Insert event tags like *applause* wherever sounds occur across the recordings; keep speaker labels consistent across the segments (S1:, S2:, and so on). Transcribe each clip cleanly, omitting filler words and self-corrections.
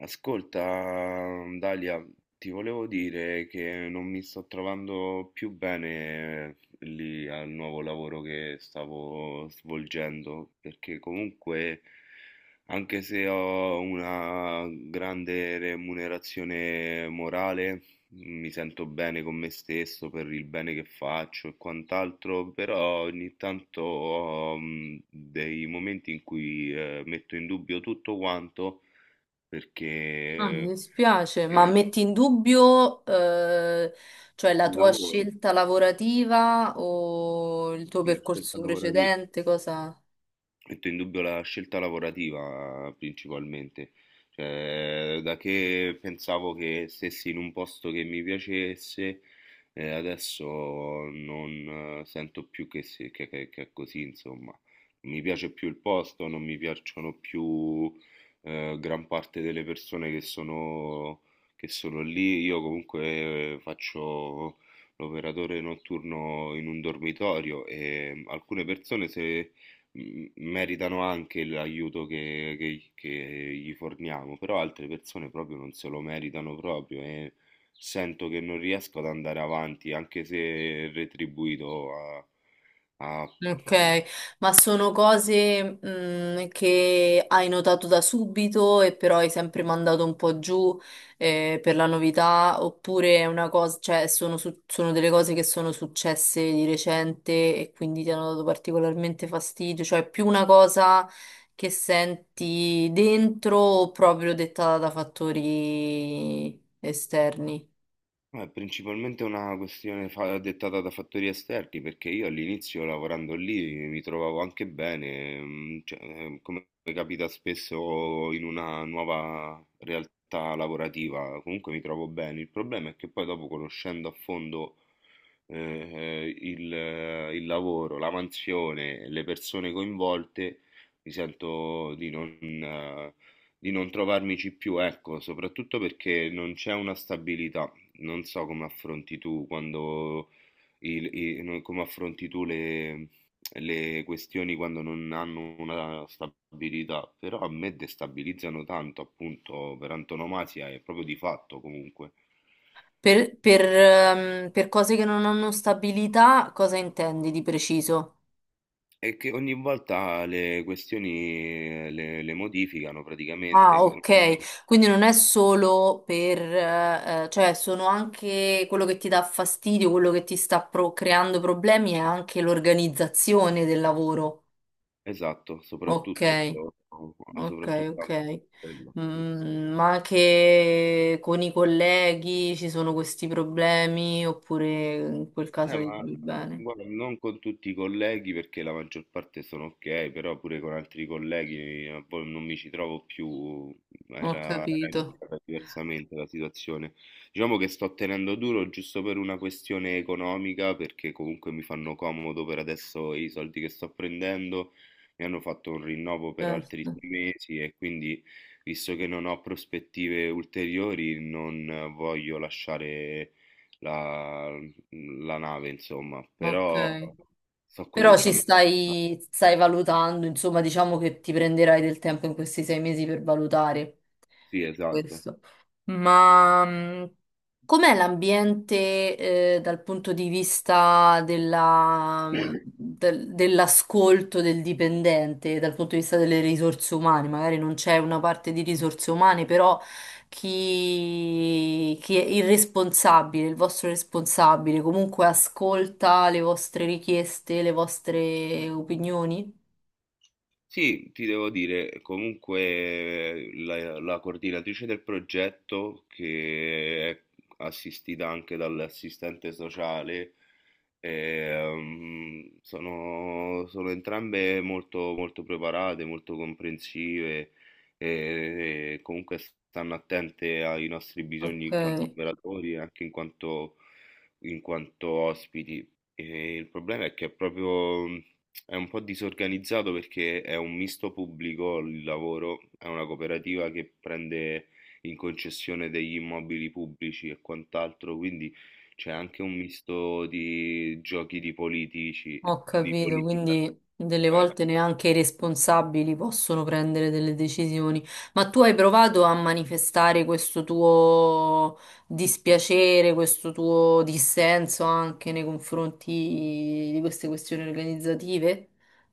S1: Ascolta, Dalia, ti volevo dire che non mi sto trovando più bene lì al nuovo lavoro che stavo svolgendo, perché comunque, anche se ho una grande remunerazione morale, mi sento bene con me stesso per il bene che faccio e quant'altro, però ogni tanto ho dei momenti in cui metto in dubbio tutto quanto perché
S2: Ah, mi dispiace, ma metti in dubbio, cioè la
S1: il
S2: tua
S1: lavoro,
S2: scelta lavorativa o il tuo
S1: sì, lo stress
S2: percorso
S1: lavorativo.
S2: precedente, cosa?
S1: Metto in dubbio la scelta lavorativa principalmente, cioè da che pensavo che stessi in un posto che mi piacesse, adesso non sento più che, che è così, insomma. Non mi piace più il posto, non mi piacciono più gran parte delle persone che sono lì. Io comunque faccio l'operatore notturno in un dormitorio e alcune persone se meritano anche l'aiuto che gli forniamo, però altre persone proprio non se lo meritano proprio e sento che non riesco ad andare avanti, anche se retribuito a.
S2: Ok, ma sono cose, che hai notato da subito e però hai sempre mandato un po' giù, per la novità, oppure è una cosa, cioè sono, sono delle cose che sono successe di recente e quindi ti hanno dato particolarmente fastidio, cioè è più una cosa che senti dentro o proprio dettata da fattori esterni?
S1: No, è principalmente una questione dettata da fattori esterni, perché io all'inizio lavorando lì mi trovavo anche bene, cioè, come capita spesso in una nuova realtà lavorativa, comunque mi trovo bene. Il problema è che poi dopo conoscendo a fondo il lavoro, la mansione, le persone coinvolte, mi sento di non trovarmici più, ecco, soprattutto perché non c'è una stabilità. Non so come affronti tu quando il- i- no, come affronti tu le questioni quando non hanno una stabilità, però a me destabilizzano tanto, appunto, per antonomasia è proprio di fatto comunque.
S2: Per per cose che non hanno stabilità, cosa intendi di preciso?
S1: E che ogni volta le questioni le modificano praticamente.
S2: Ah, ok, quindi non è solo per, cioè sono anche quello che ti dà fastidio, quello che ti sta creando problemi, è anche l'organizzazione del lavoro.
S1: Esatto,
S2: Ok,
S1: soprattutto,
S2: ok,
S1: soprattutto anche
S2: ok.
S1: quello. Sì.
S2: Mm, ma anche con i colleghi ci sono questi problemi, oppure in quel
S1: Eh,
S2: caso ti
S1: ma eh,
S2: trovi bene?
S1: guarda, non con tutti i colleghi perché la maggior parte sono ok, però pure con altri colleghi poi non mi ci trovo più,
S2: Ho
S1: era
S2: capito,
S1: iniziata diversamente la situazione. Diciamo che sto tenendo duro giusto per una questione economica, perché comunque mi fanno comodo per adesso i soldi che sto prendendo, mi hanno fatto un rinnovo per altri
S2: certo,
S1: 6 mesi e quindi, visto che non ho prospettive ulteriori, non voglio lasciare la, la nave, insomma, però
S2: ok.
S1: sto
S2: Però ci
S1: cominciando a.
S2: stai, stai valutando, insomma, diciamo che ti prenderai del tempo in questi 6 mesi per valutare
S1: Sì, esatto.
S2: questo. Ma com'è l'ambiente dal punto di vista della, dell'ascolto del dipendente, dal punto di vista delle risorse umane? Magari non c'è una parte di risorse umane, però chi, chi è il responsabile, il vostro responsabile, comunque ascolta le vostre richieste, le vostre opinioni?
S1: Sì, ti devo dire, comunque la coordinatrice del progetto, che è assistita anche dall'assistente sociale, sono entrambe molto, molto preparate, molto comprensive e comunque stanno attente ai nostri bisogni
S2: Ok.
S1: in quanto operatori e anche in quanto ospiti. E il problema è che è proprio. È un po' disorganizzato perché è un misto pubblico il lavoro, è una cooperativa che prende in concessione degli immobili pubblici e quant'altro, quindi c'è anche un misto di giochi di politici,
S2: Ho
S1: di
S2: capito,
S1: politica.
S2: quindi delle
S1: Beh,
S2: volte neanche i responsabili possono prendere delle decisioni. Ma tu hai provato a manifestare questo tuo dispiacere, questo tuo dissenso anche nei confronti di queste questioni organizzative?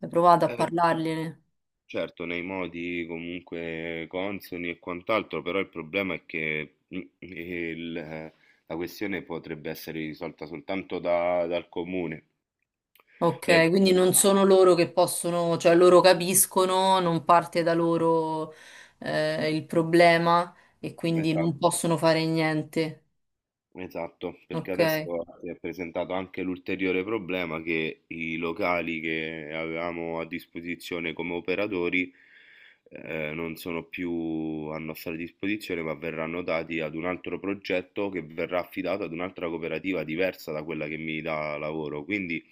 S2: Hai provato a
S1: eh sì,
S2: parlargliene?
S1: certo, nei modi comunque consoni e quant'altro, però il problema è che la questione potrebbe essere risolta soltanto dal comune. Cioè,
S2: Ok, quindi non sono loro che possono, cioè loro capiscono, non parte da loro il problema e quindi non
S1: esatto,
S2: possono fare niente.
S1: esatto, perché
S2: Ok.
S1: adesso si è presentato anche l'ulteriore problema che i locali che avevamo a disposizione come operatori non sono più a nostra disposizione, ma verranno dati ad un altro progetto che verrà affidato ad un'altra cooperativa diversa da quella che mi dà lavoro. Quindi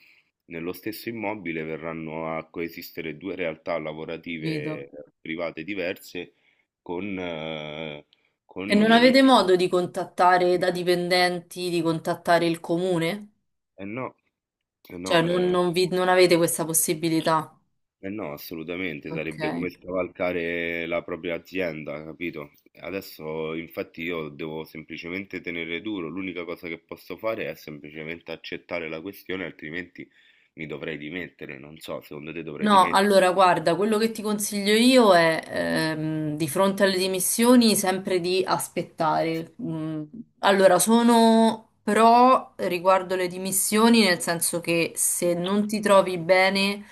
S1: nello stesso immobile verranno a coesistere due realtà
S2: Vedo.
S1: lavorative private diverse con, eh, con
S2: E non
S1: lievi.
S2: avete modo di contattare da dipendenti, di contattare il comune?
S1: Eh no, eh no,
S2: Cioè, non non avete questa possibilità?
S1: eh no, assolutamente,
S2: Ok.
S1: sarebbe come scavalcare la propria azienda, capito? Adesso infatti io devo semplicemente tenere duro, l'unica cosa che posso fare è semplicemente accettare la questione, altrimenti mi dovrei dimettere, non so, secondo te dovrei
S2: No,
S1: dimettere?
S2: allora guarda, quello che ti consiglio io è di fronte alle dimissioni sempre di aspettare. Mm, allora, sono pro riguardo le dimissioni, nel senso che se non ti trovi bene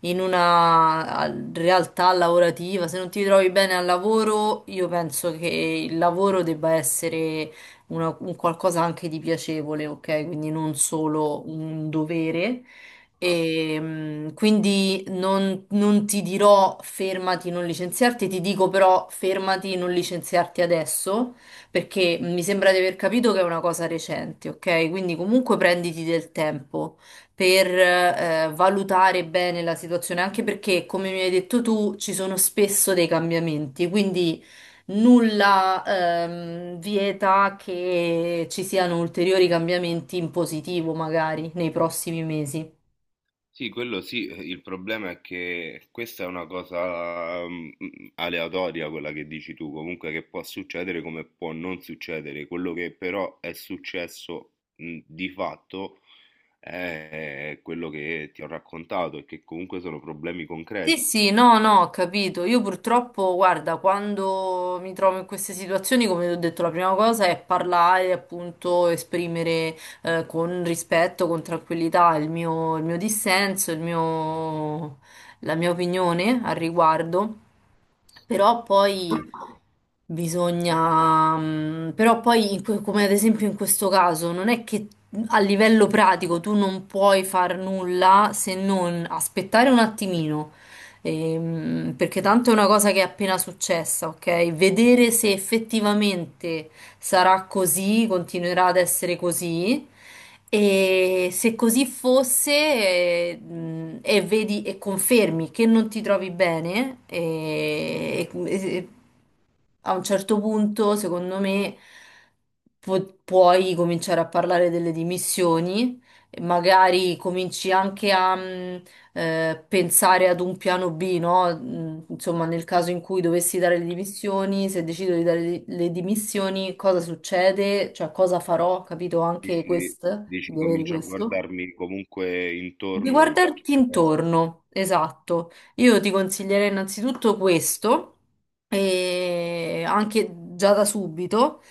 S2: in una realtà lavorativa, se non ti trovi bene al lavoro, io penso che il lavoro debba essere un qualcosa anche di piacevole, ok? Quindi non solo un dovere. E, quindi non ti dirò fermati, non licenziarti, ti dico però fermati, non licenziarti adesso, perché mi sembra di aver capito che è una cosa recente, ok? Quindi comunque prenditi del tempo per valutare bene la situazione, anche perché, come mi hai detto tu, ci sono spesso dei cambiamenti, quindi nulla vieta che ci siano ulteriori cambiamenti in positivo magari nei prossimi mesi.
S1: Sì, quello sì, il problema è che questa è una cosa aleatoria, quella che dici tu, comunque che può succedere come può non succedere. Quello che però è successo di fatto è quello che ti ho raccontato e che comunque sono problemi
S2: Sì,
S1: concreti.
S2: sì, no, no, ho capito. Io purtroppo, guarda, quando mi trovo in queste situazioni, come ti ho detto, la prima cosa è parlare, appunto, esprimere con rispetto, con tranquillità il mio dissenso, la mia opinione al riguardo. Però poi bisogna, però poi, in come ad esempio in questo caso, non è che a livello pratico tu non puoi far nulla se non aspettare un attimino. Perché tanto è una cosa che è appena successa, ok? Vedere se effettivamente sarà così, continuerà ad essere così. E se così fosse, e vedi e confermi che non ti trovi bene, a un certo punto, secondo me, puoi cominciare a parlare delle dimissioni, e magari cominci anche a pensare ad un piano B, no? Insomma, nel caso in cui dovessi dare le dimissioni, se decido di dare le dimissioni, cosa succede? Cioè, cosa farò? Capito anche
S1: Dici,
S2: questo,
S1: dici
S2: di avere
S1: comincio a
S2: questo.
S1: guardarmi comunque
S2: Di
S1: intorno già.
S2: guardarti intorno, esatto. Io ti consiglierei innanzitutto questo, e anche già da subito,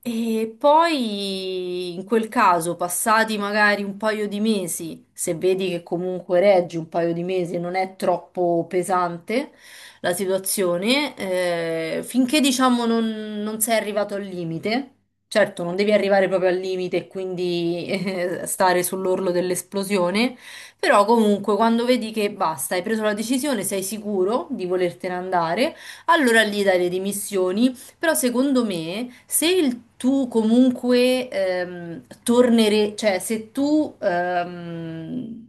S2: e poi in quel caso, passati magari un paio di mesi, se vedi che comunque reggi un paio di mesi e non è troppo pesante la situazione, finché diciamo non sei arrivato al limite. Certo, non devi arrivare proprio al limite e quindi *laughs* stare sull'orlo dell'esplosione, però comunque quando vedi che basta, hai preso la decisione, sei sicuro di volertene andare, allora lì dai le dimissioni. Però secondo me, se il tu comunque tornere, cioè se tu,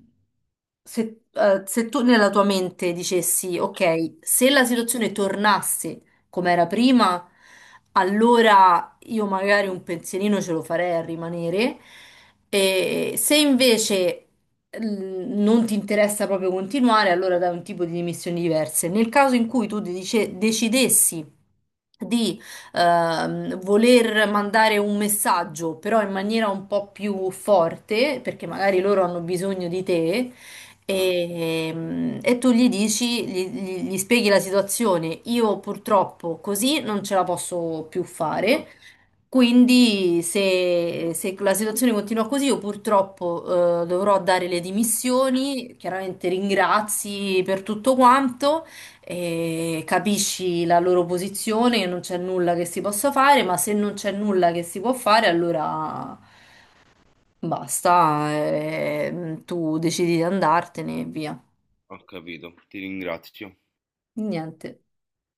S2: se, se tu nella tua mente dicessi, ok, se la situazione tornasse come era prima, allora io magari un pensierino ce lo farei a rimanere. E se invece non ti interessa proprio continuare, allora dai un tipo di dimissioni diverse. Nel caso in cui tu decidessi di voler mandare un messaggio, però in maniera un po' più forte, perché magari loro hanno bisogno di te.
S1: Ah,
S2: E tu gli dici, gli spieghi la situazione. Io purtroppo così non ce la posso più
S1: Ho,
S2: fare. Quindi se la situazione continua così, io purtroppo dovrò dare le dimissioni, chiaramente ringrazi per tutto quanto, capisci la loro posizione, che non c'è nulla che si possa fare, ma se non c'è nulla che si può fare, allora basta, tu decidi di andartene e via.
S1: ho capito, ti ringrazio.
S2: Niente.